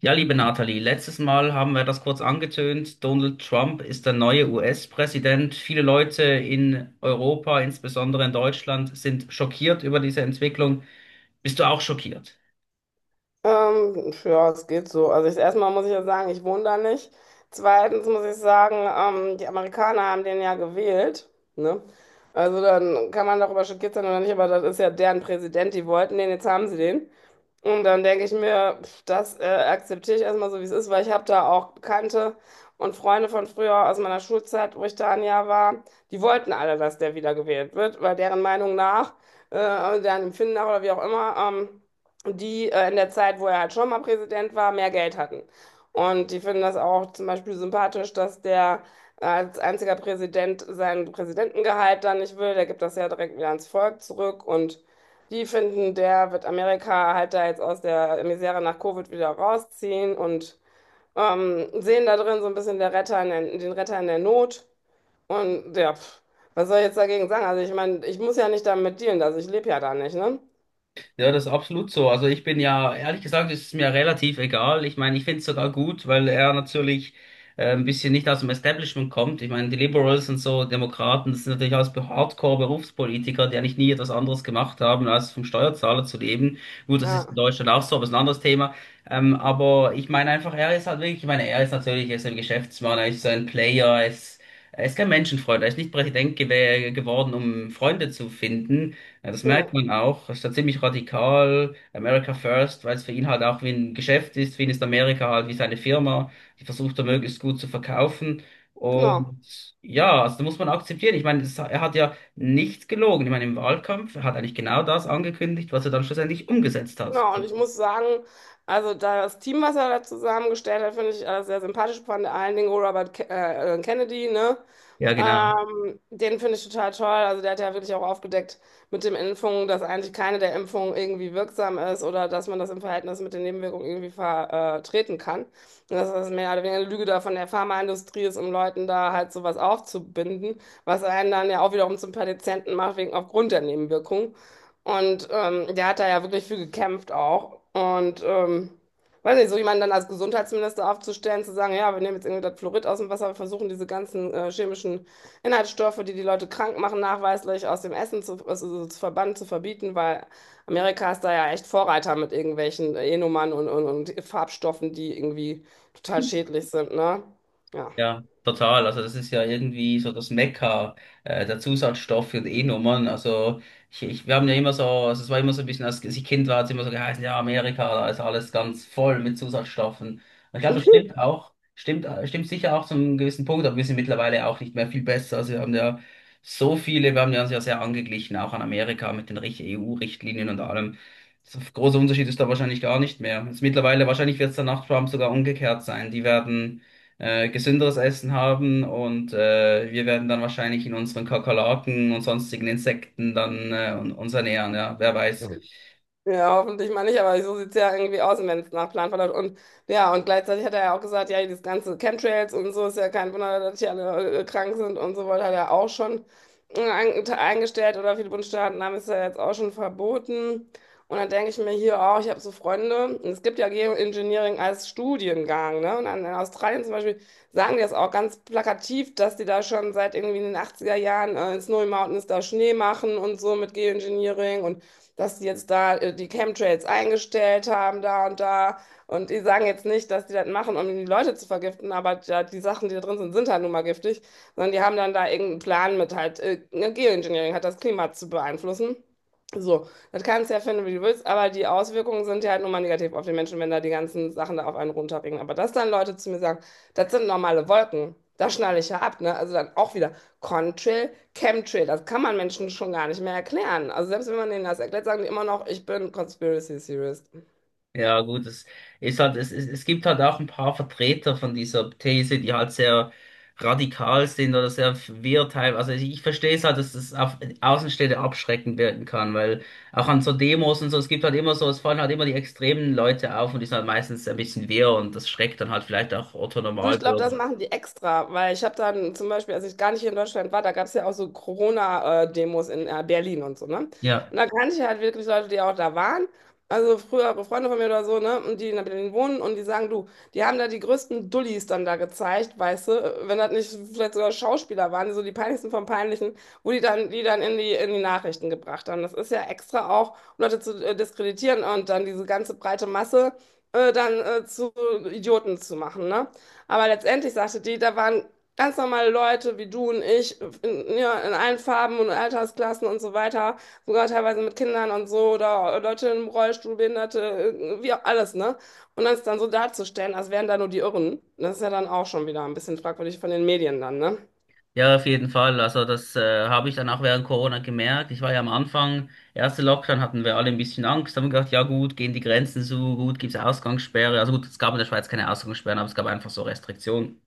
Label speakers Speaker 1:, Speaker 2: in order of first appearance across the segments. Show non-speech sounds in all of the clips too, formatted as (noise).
Speaker 1: Ja, liebe Nathalie, letztes Mal haben wir das kurz angetönt. Donald Trump ist der neue US-Präsident. Viele Leute in Europa, insbesondere in Deutschland, sind schockiert über diese Entwicklung. Bist du auch schockiert?
Speaker 2: Ja, es geht so. Also erstmal muss ich ja sagen, ich wohne da nicht. Zweitens muss ich sagen, die Amerikaner haben den ja gewählt, ne? Also dann kann man darüber schockiert sein oder nicht, aber das ist ja deren Präsident, die wollten den, jetzt haben sie den. Und dann denke ich mir, das akzeptiere ich erstmal so, wie es ist, weil ich habe da auch Bekannte und Freunde von früher aus meiner Schulzeit, wo ich da ein Jahr war, die wollten alle, dass der wiedergewählt wird, weil deren Meinung nach, also deren Empfinden nach oder wie auch immer, die in der Zeit, wo er halt schon mal Präsident war, mehr Geld hatten. Und die finden das auch zum Beispiel sympathisch, dass der als einziger Präsident sein Präsidentengehalt dann nicht will. Der gibt das ja direkt wieder ans Volk zurück und die finden, der wird Amerika halt da jetzt aus der Misere nach Covid wieder rausziehen und sehen da drin so ein bisschen der Retter in der, den Retter in der Not. Und ja, was soll ich jetzt dagegen sagen? Also ich meine, ich muss ja nicht damit dealen, also ich lebe ja da nicht, ne?
Speaker 1: Ja, das ist absolut so. Also ich bin ja, ehrlich gesagt, ist es mir relativ egal. Ich meine, ich finde es sogar gut, weil er natürlich ein bisschen nicht aus dem Establishment kommt. Ich meine, die Liberals und so, Demokraten, das sind natürlich alles Hardcore-Berufspolitiker, die eigentlich nie etwas anderes gemacht haben, als vom Steuerzahler zu leben. Gut, das ist in
Speaker 2: Ja,
Speaker 1: Deutschland auch so, aber ist ein anderes Thema. Aber ich meine einfach, er ist halt wirklich, ich meine, er ist natürlich, er ist ein Geschäftsmann, er ist so ein Player, er ist kein Menschenfreund, er ist nicht Präsident gew geworden, um Freunde zu finden. Ja, das merkt
Speaker 2: ne,
Speaker 1: man auch. Er ist da ziemlich radikal. America First, weil es für ihn halt auch wie ein Geschäft ist. Für ihn ist Amerika halt wie seine Firma. Die versucht er möglichst gut zu verkaufen.
Speaker 2: genau.
Speaker 1: Und ja, also da muss man akzeptieren. Ich meine, das, er hat ja nichts gelogen. Ich meine, im Wahlkampf er hat eigentlich genau das angekündigt, was er dann schlussendlich umgesetzt hat.
Speaker 2: Genau, und ich muss sagen, also da das Team, was er da zusammengestellt hat, finde ich sehr sympathisch, vor allen Dingen Robert Ke Kennedy, ne?
Speaker 1: Ja, genau.
Speaker 2: Den finde ich total toll. Also der hat ja wirklich auch aufgedeckt mit den Impfungen, dass eigentlich keine der Impfungen irgendwie wirksam ist oder dass man das im Verhältnis mit den Nebenwirkungen irgendwie vertreten kann. Und dass das mehr oder weniger eine Lüge da von der Pharmaindustrie ist, um Leuten da halt sowas aufzubinden, was einen dann ja auch wiederum zum Patienten macht, wegen aufgrund der Nebenwirkungen. Und der hat da ja wirklich für gekämpft auch. Und weiß nicht, so jemanden dann als Gesundheitsminister aufzustellen, zu sagen, ja, wir nehmen jetzt irgendwie das Fluorid aus dem Wasser, wir versuchen diese ganzen chemischen Inhaltsstoffe, die die Leute krank machen, nachweislich aus dem Essen zu, also so zu verbannen, zu verbieten, weil Amerika ist da ja echt Vorreiter mit irgendwelchen E-Nummern und Farbstoffen, die irgendwie total schädlich sind, ne? Ja.
Speaker 1: Ja, total. Also das ist ja irgendwie so das Mekka der Zusatzstoffe und E-Nummern. Also wir haben ja immer so, also es war immer so ein bisschen, als ich Kind war, hat es immer so geheißen, ja, Amerika, da ist alles ganz voll mit Zusatzstoffen. Und ich glaube, das stimmt auch, stimmt sicher auch zu einem gewissen Punkt, aber wir sind mittlerweile auch nicht mehr viel besser. Also wir haben ja so viele, wir haben ja uns ja sehr angeglichen, auch an Amerika mit den EU-Richtlinien und allem. So großer Unterschied ist da wahrscheinlich gar nicht mehr. Jetzt mittlerweile, wahrscheinlich wird es dann nach Trump sogar umgekehrt sein. Die werden gesünderes Essen haben und wir werden dann wahrscheinlich in unseren Kakerlaken und sonstigen Insekten dann uns ernähren, ja, wer weiß.
Speaker 2: Ja, hoffentlich mal nicht, aber so sieht's ja irgendwie aus, wenn es nach Plan verläuft. Und ja, und gleichzeitig hat er ja auch gesagt, ja, dieses ganze Chemtrails und so ist ja kein Wunder, dass die alle krank sind und so weiter, hat er auch schon eingestellt oder viele Bundesstaaten haben es ja jetzt auch schon verboten. Und dann denke ich mir hier auch, ich habe so Freunde, und es gibt ja Geoengineering als Studiengang, ne? Und dann in Australien zum Beispiel sagen die das auch ganz plakativ, dass die da schon seit irgendwie in den 80er Jahren in Snowy Mountains da Schnee machen und so mit Geoengineering und dass die jetzt da die Chemtrails eingestellt haben, da und da. Und die sagen jetzt nicht, dass die das machen, um die Leute zu vergiften, aber ja, die Sachen, die da drin sind, sind halt nun mal giftig, sondern die haben dann da irgendeinen Plan mit halt, ne, Geoengineering hat das Klima zu beeinflussen. So, das kannst du ja finden, wie du willst, aber die Auswirkungen sind ja halt nun mal negativ auf die Menschen, wenn da die ganzen Sachen da auf einen runterregnen. Aber dass dann Leute zu mir sagen, das sind normale Wolken, da schnalle ich ja ab, ne? Also dann auch wieder. Contrail, Chemtrail. Das kann man Menschen schon gar nicht mehr erklären. Also selbst wenn man denen das erklärt, sagen die immer noch, ich bin Conspiracy Theorist.
Speaker 1: Ja, gut, es ist halt, es gibt halt auch ein paar Vertreter von dieser These, die halt sehr radikal sind oder sehr wirr teil. Also ich verstehe es halt, dass es auf Außenstehende abschreckend wirken kann, weil auch an so Demos und so, es gibt halt immer so, es fallen halt immer die extremen Leute auf und die sind halt meistens ein bisschen wirr und das schreckt dann halt vielleicht auch Otto
Speaker 2: Du, ich glaube,
Speaker 1: Normalbürger.
Speaker 2: das machen die extra, weil ich habe dann zum Beispiel, als ich gar nicht hier in Deutschland war, da gab es ja auch so Corona-Demos in Berlin und so, ne?
Speaker 1: Ja.
Speaker 2: Und da kannte ich halt wirklich Leute, die auch da waren, also frühere Freunde von mir oder so, ne? Und die in Berlin wohnen und die sagen, du, die haben da die größten Dullis dann da gezeigt, weißt du, wenn das nicht vielleicht sogar Schauspieler waren, so die peinlichsten vom Peinlichen, wo die dann in die Nachrichten gebracht haben. Das ist ja extra auch, um Leute zu diskreditieren und dann diese ganze breite Masse dann zu Idioten zu machen, ne? Aber letztendlich sagte die, da waren ganz normale Leute wie du und ich in allen Farben und Altersklassen und so weiter, sogar teilweise mit Kindern und so oder Leute im Rollstuhl, Behinderte, wie auch alles, ne? Und dann ist dann so darzustellen, als wären da nur die Irren, das ist ja dann auch schon wieder ein bisschen fragwürdig von den Medien dann, ne?
Speaker 1: Ja, auf jeden Fall. Also das habe ich dann auch während Corona gemerkt. Ich war ja am Anfang, erste Lockdown hatten wir alle ein bisschen Angst, haben gedacht, ja gut, gehen die Grenzen zu, gut, gibt's Ausgangssperre. Also gut, es gab in der Schweiz keine Ausgangssperren, aber es gab einfach so Restriktionen.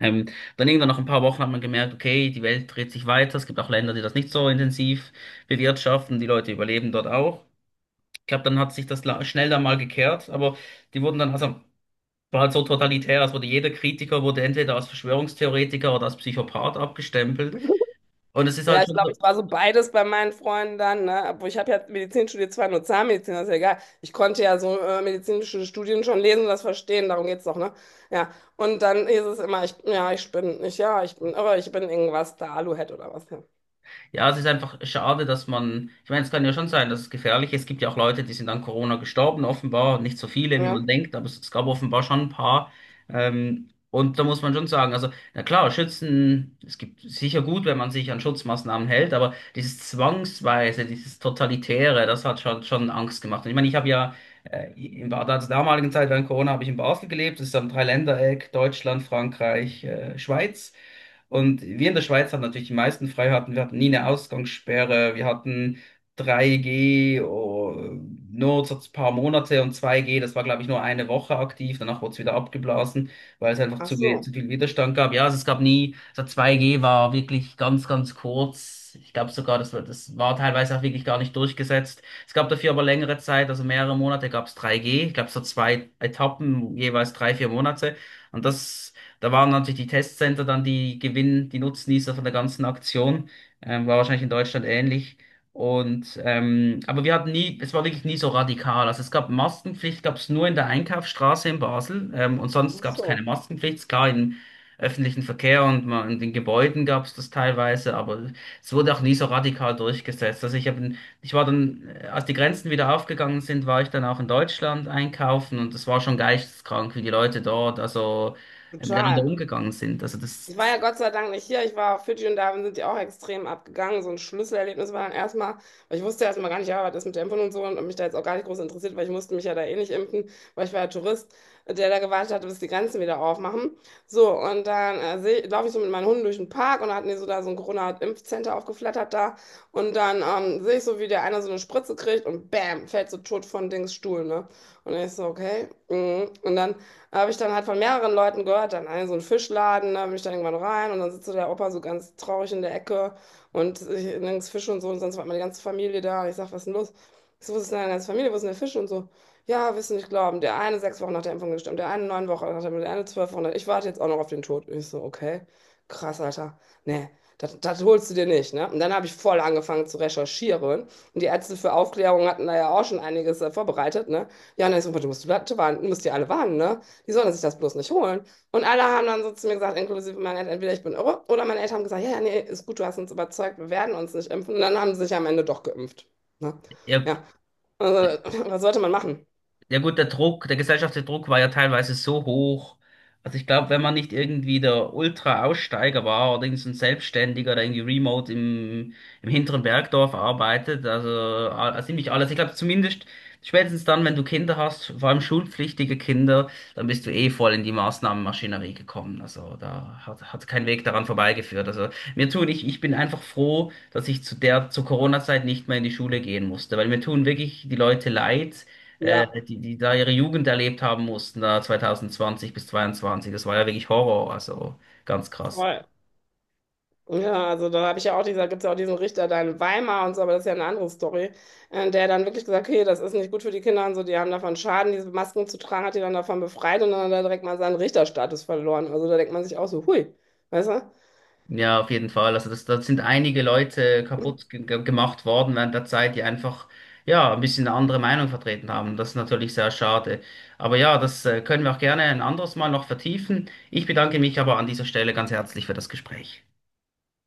Speaker 1: Ähm, Dann irgendwann nach ein paar Wochen hat man gemerkt, okay, die Welt dreht sich weiter. Es gibt auch Länder, die das nicht so intensiv bewirtschaften. Die Leute überleben dort auch. Ich glaube, dann hat sich schnell dann mal gekehrt, aber die wurden dann, also war halt so totalitär, es wurde jeder Kritiker, wurde entweder als Verschwörungstheoretiker oder als Psychopath abgestempelt. Und es ist halt
Speaker 2: Ja, ich
Speaker 1: schon
Speaker 2: glaube,
Speaker 1: so,
Speaker 2: ich war so beides bei meinen Freunden dann, ne? Obwohl ich habe ja Medizin studiert, zwar nur Zahnmedizin, das ist ja egal. Ich konnte ja so medizinische Studien schon lesen und das verstehen, darum geht's doch, ne? Ja. Und dann hieß es immer, ich, ja, ich bin, ich, ja, ich bin, aber ich bin irgendwas da, Aluhut oder was. Ja.
Speaker 1: ja, es ist einfach schade, dass man, ich meine, es kann ja schon sein, dass es gefährlich ist. Es gibt ja auch Leute, die sind an Corona gestorben, offenbar, nicht so viele, wie
Speaker 2: Ja.
Speaker 1: man denkt, aber es gab offenbar schon ein paar. Und da muss man schon sagen, also, na klar, Schützen, es gibt sicher gut, wenn man sich an Schutzmaßnahmen hält, aber dieses Zwangsweise, dieses Totalitäre, das hat schon Angst gemacht. Und ich meine, ich habe ja in damaligen Zeit während Corona habe ich in Basel gelebt, das ist am Dreiländereck, Deutschland, Frankreich, Schweiz. Und wir in der Schweiz hatten natürlich die meisten Freiheiten. Wir hatten nie eine Ausgangssperre. Wir hatten 3G oh, nur so ein paar Monate und 2G, das war, glaube ich, nur 1 Woche aktiv. Danach wurde es wieder abgeblasen, weil es einfach
Speaker 2: Ach
Speaker 1: zu
Speaker 2: so,
Speaker 1: viel Widerstand gab. Ja, also es gab nie, so 2G war wirklich ganz, ganz kurz. Ich glaube sogar, das war teilweise auch wirklich gar nicht durchgesetzt. Es gab dafür aber längere Zeit, also mehrere Monate gab es 3G. Ich glaube, so zwei Etappen, jeweils 3, 4 Monate. Und das Da waren natürlich die Testcenter dann die Nutznießer von der ganzen Aktion. War wahrscheinlich in Deutschland ähnlich. Und aber wir hatten nie, es war wirklich nie so radikal. Also es gab Maskenpflicht, gab es nur in der Einkaufsstraße in Basel, und sonst
Speaker 2: ach
Speaker 1: gab es keine
Speaker 2: so,
Speaker 1: Maskenpflicht. Klar, im öffentlichen Verkehr und mal in den Gebäuden gab es das teilweise, aber es wurde auch nie so radikal durchgesetzt. Also ich war dann, als die Grenzen wieder aufgegangen sind, war ich dann auch in Deutschland einkaufen und das war schon geisteskrank, wie die Leute dort, also miteinander
Speaker 2: total.
Speaker 1: umgegangen sind. Also
Speaker 2: Ich war
Speaker 1: das,
Speaker 2: ja Gott sei Dank nicht hier. Ich war auf Fidschi und da sind die auch extrem abgegangen. So ein Schlüsselerlebnis war dann erstmal, weil ich wusste erstmal gar nicht, ja, was ist mit der Impfung und so und hab mich da jetzt auch gar nicht groß interessiert, weil ich musste mich ja da eh nicht impfen, weil ich war ja Tourist, der da gewartet hatte, bis die Grenzen wieder aufmachen. So, und dann laufe ich so mit meinen Hunden durch den Park und da hatten die so da so ein Corona-Impfcenter aufgeflattert da. Und dann sehe ich so, wie der eine so eine Spritze kriegt und bam, fällt so tot von Dings Stuhl, ne? Und ich so, okay. Mhm. Und dann habe ich dann halt von mehreren Leuten gehört, dann in so einen Fischladen, da bin ich dann irgendwann rein und dann sitzt so der Opa so ganz traurig in der Ecke und nirgends Fisch und so und sonst war meine ganze Familie da und ich sag, was ist denn los? Ich so, wo ist denn deine ganze Familie, wo ist denn der Fisch und so? Ja, wirst du nicht glauben, der eine 6 Wochen nach der Impfung gestorben, der eine 9 Wochen nach der Impfung, der eine 12 Wochen, ich warte jetzt auch noch auf den Tod. Ich so, okay, krass, Alter, nee, das holst du dir nicht, ne? Und dann habe ich voll angefangen zu recherchieren und die Ärzte für Aufklärung hatten da ja auch schon einiges vorbereitet, ne? Ja, und dann ist so, du musst die alle warnen, ne? Die sollen sich das bloß nicht holen. Und alle haben dann so zu mir gesagt, inklusive meiner Eltern, entweder ich bin irre oder meine Eltern haben gesagt, ja, ja, nee, ist gut, du hast uns überzeugt, wir werden uns nicht impfen. Und dann haben sie sich am Ende doch geimpft. Ne?
Speaker 1: ja, ja,
Speaker 2: Ja, also, (laughs) was sollte man machen?
Speaker 1: ja gut, der Druck, der gesellschaftliche Druck war ja teilweise so hoch. Also ich glaube, wenn man nicht irgendwie der Ultra-Aussteiger war oder irgend so ein Selbstständiger, oder irgendwie remote im hinteren Bergdorf arbeitet, also ziemlich alles. Ich glaube zumindest spätestens dann, wenn du Kinder hast, vor allem schulpflichtige Kinder, dann bist du eh voll in die Maßnahmenmaschinerie gekommen. Also da hat kein Weg daran vorbeigeführt. Also ich bin einfach froh, dass ich zu der, zur Corona-Zeit nicht mehr in die Schule gehen musste, weil mir tun wirklich die Leute leid
Speaker 2: Ja,
Speaker 1: die da ihre Jugend erlebt haben mussten, da 2020 bis 22. Das war ja wirklich Horror, also ganz krass.
Speaker 2: voll. Ja, also da habe ich ja auch gibt es ja auch diesen Richter da in Weimar und so, aber das ist ja eine andere Story, der dann wirklich gesagt, okay, das ist nicht gut für die Kinder und so, die haben davon Schaden, diese Masken zu tragen, hat die dann davon befreit und dann hat er direkt mal seinen Richterstatus verloren. Also da denkt man sich auch so, hui, weißt du?
Speaker 1: Ja, auf jeden Fall. Also das, das sind einige Leute kaputt gemacht worden während der Zeit, die einfach ja ein bisschen eine andere Meinung vertreten haben. Das ist natürlich sehr schade. Aber ja, das können wir auch gerne ein anderes Mal noch vertiefen. Ich bedanke mich aber an dieser Stelle ganz herzlich für das Gespräch.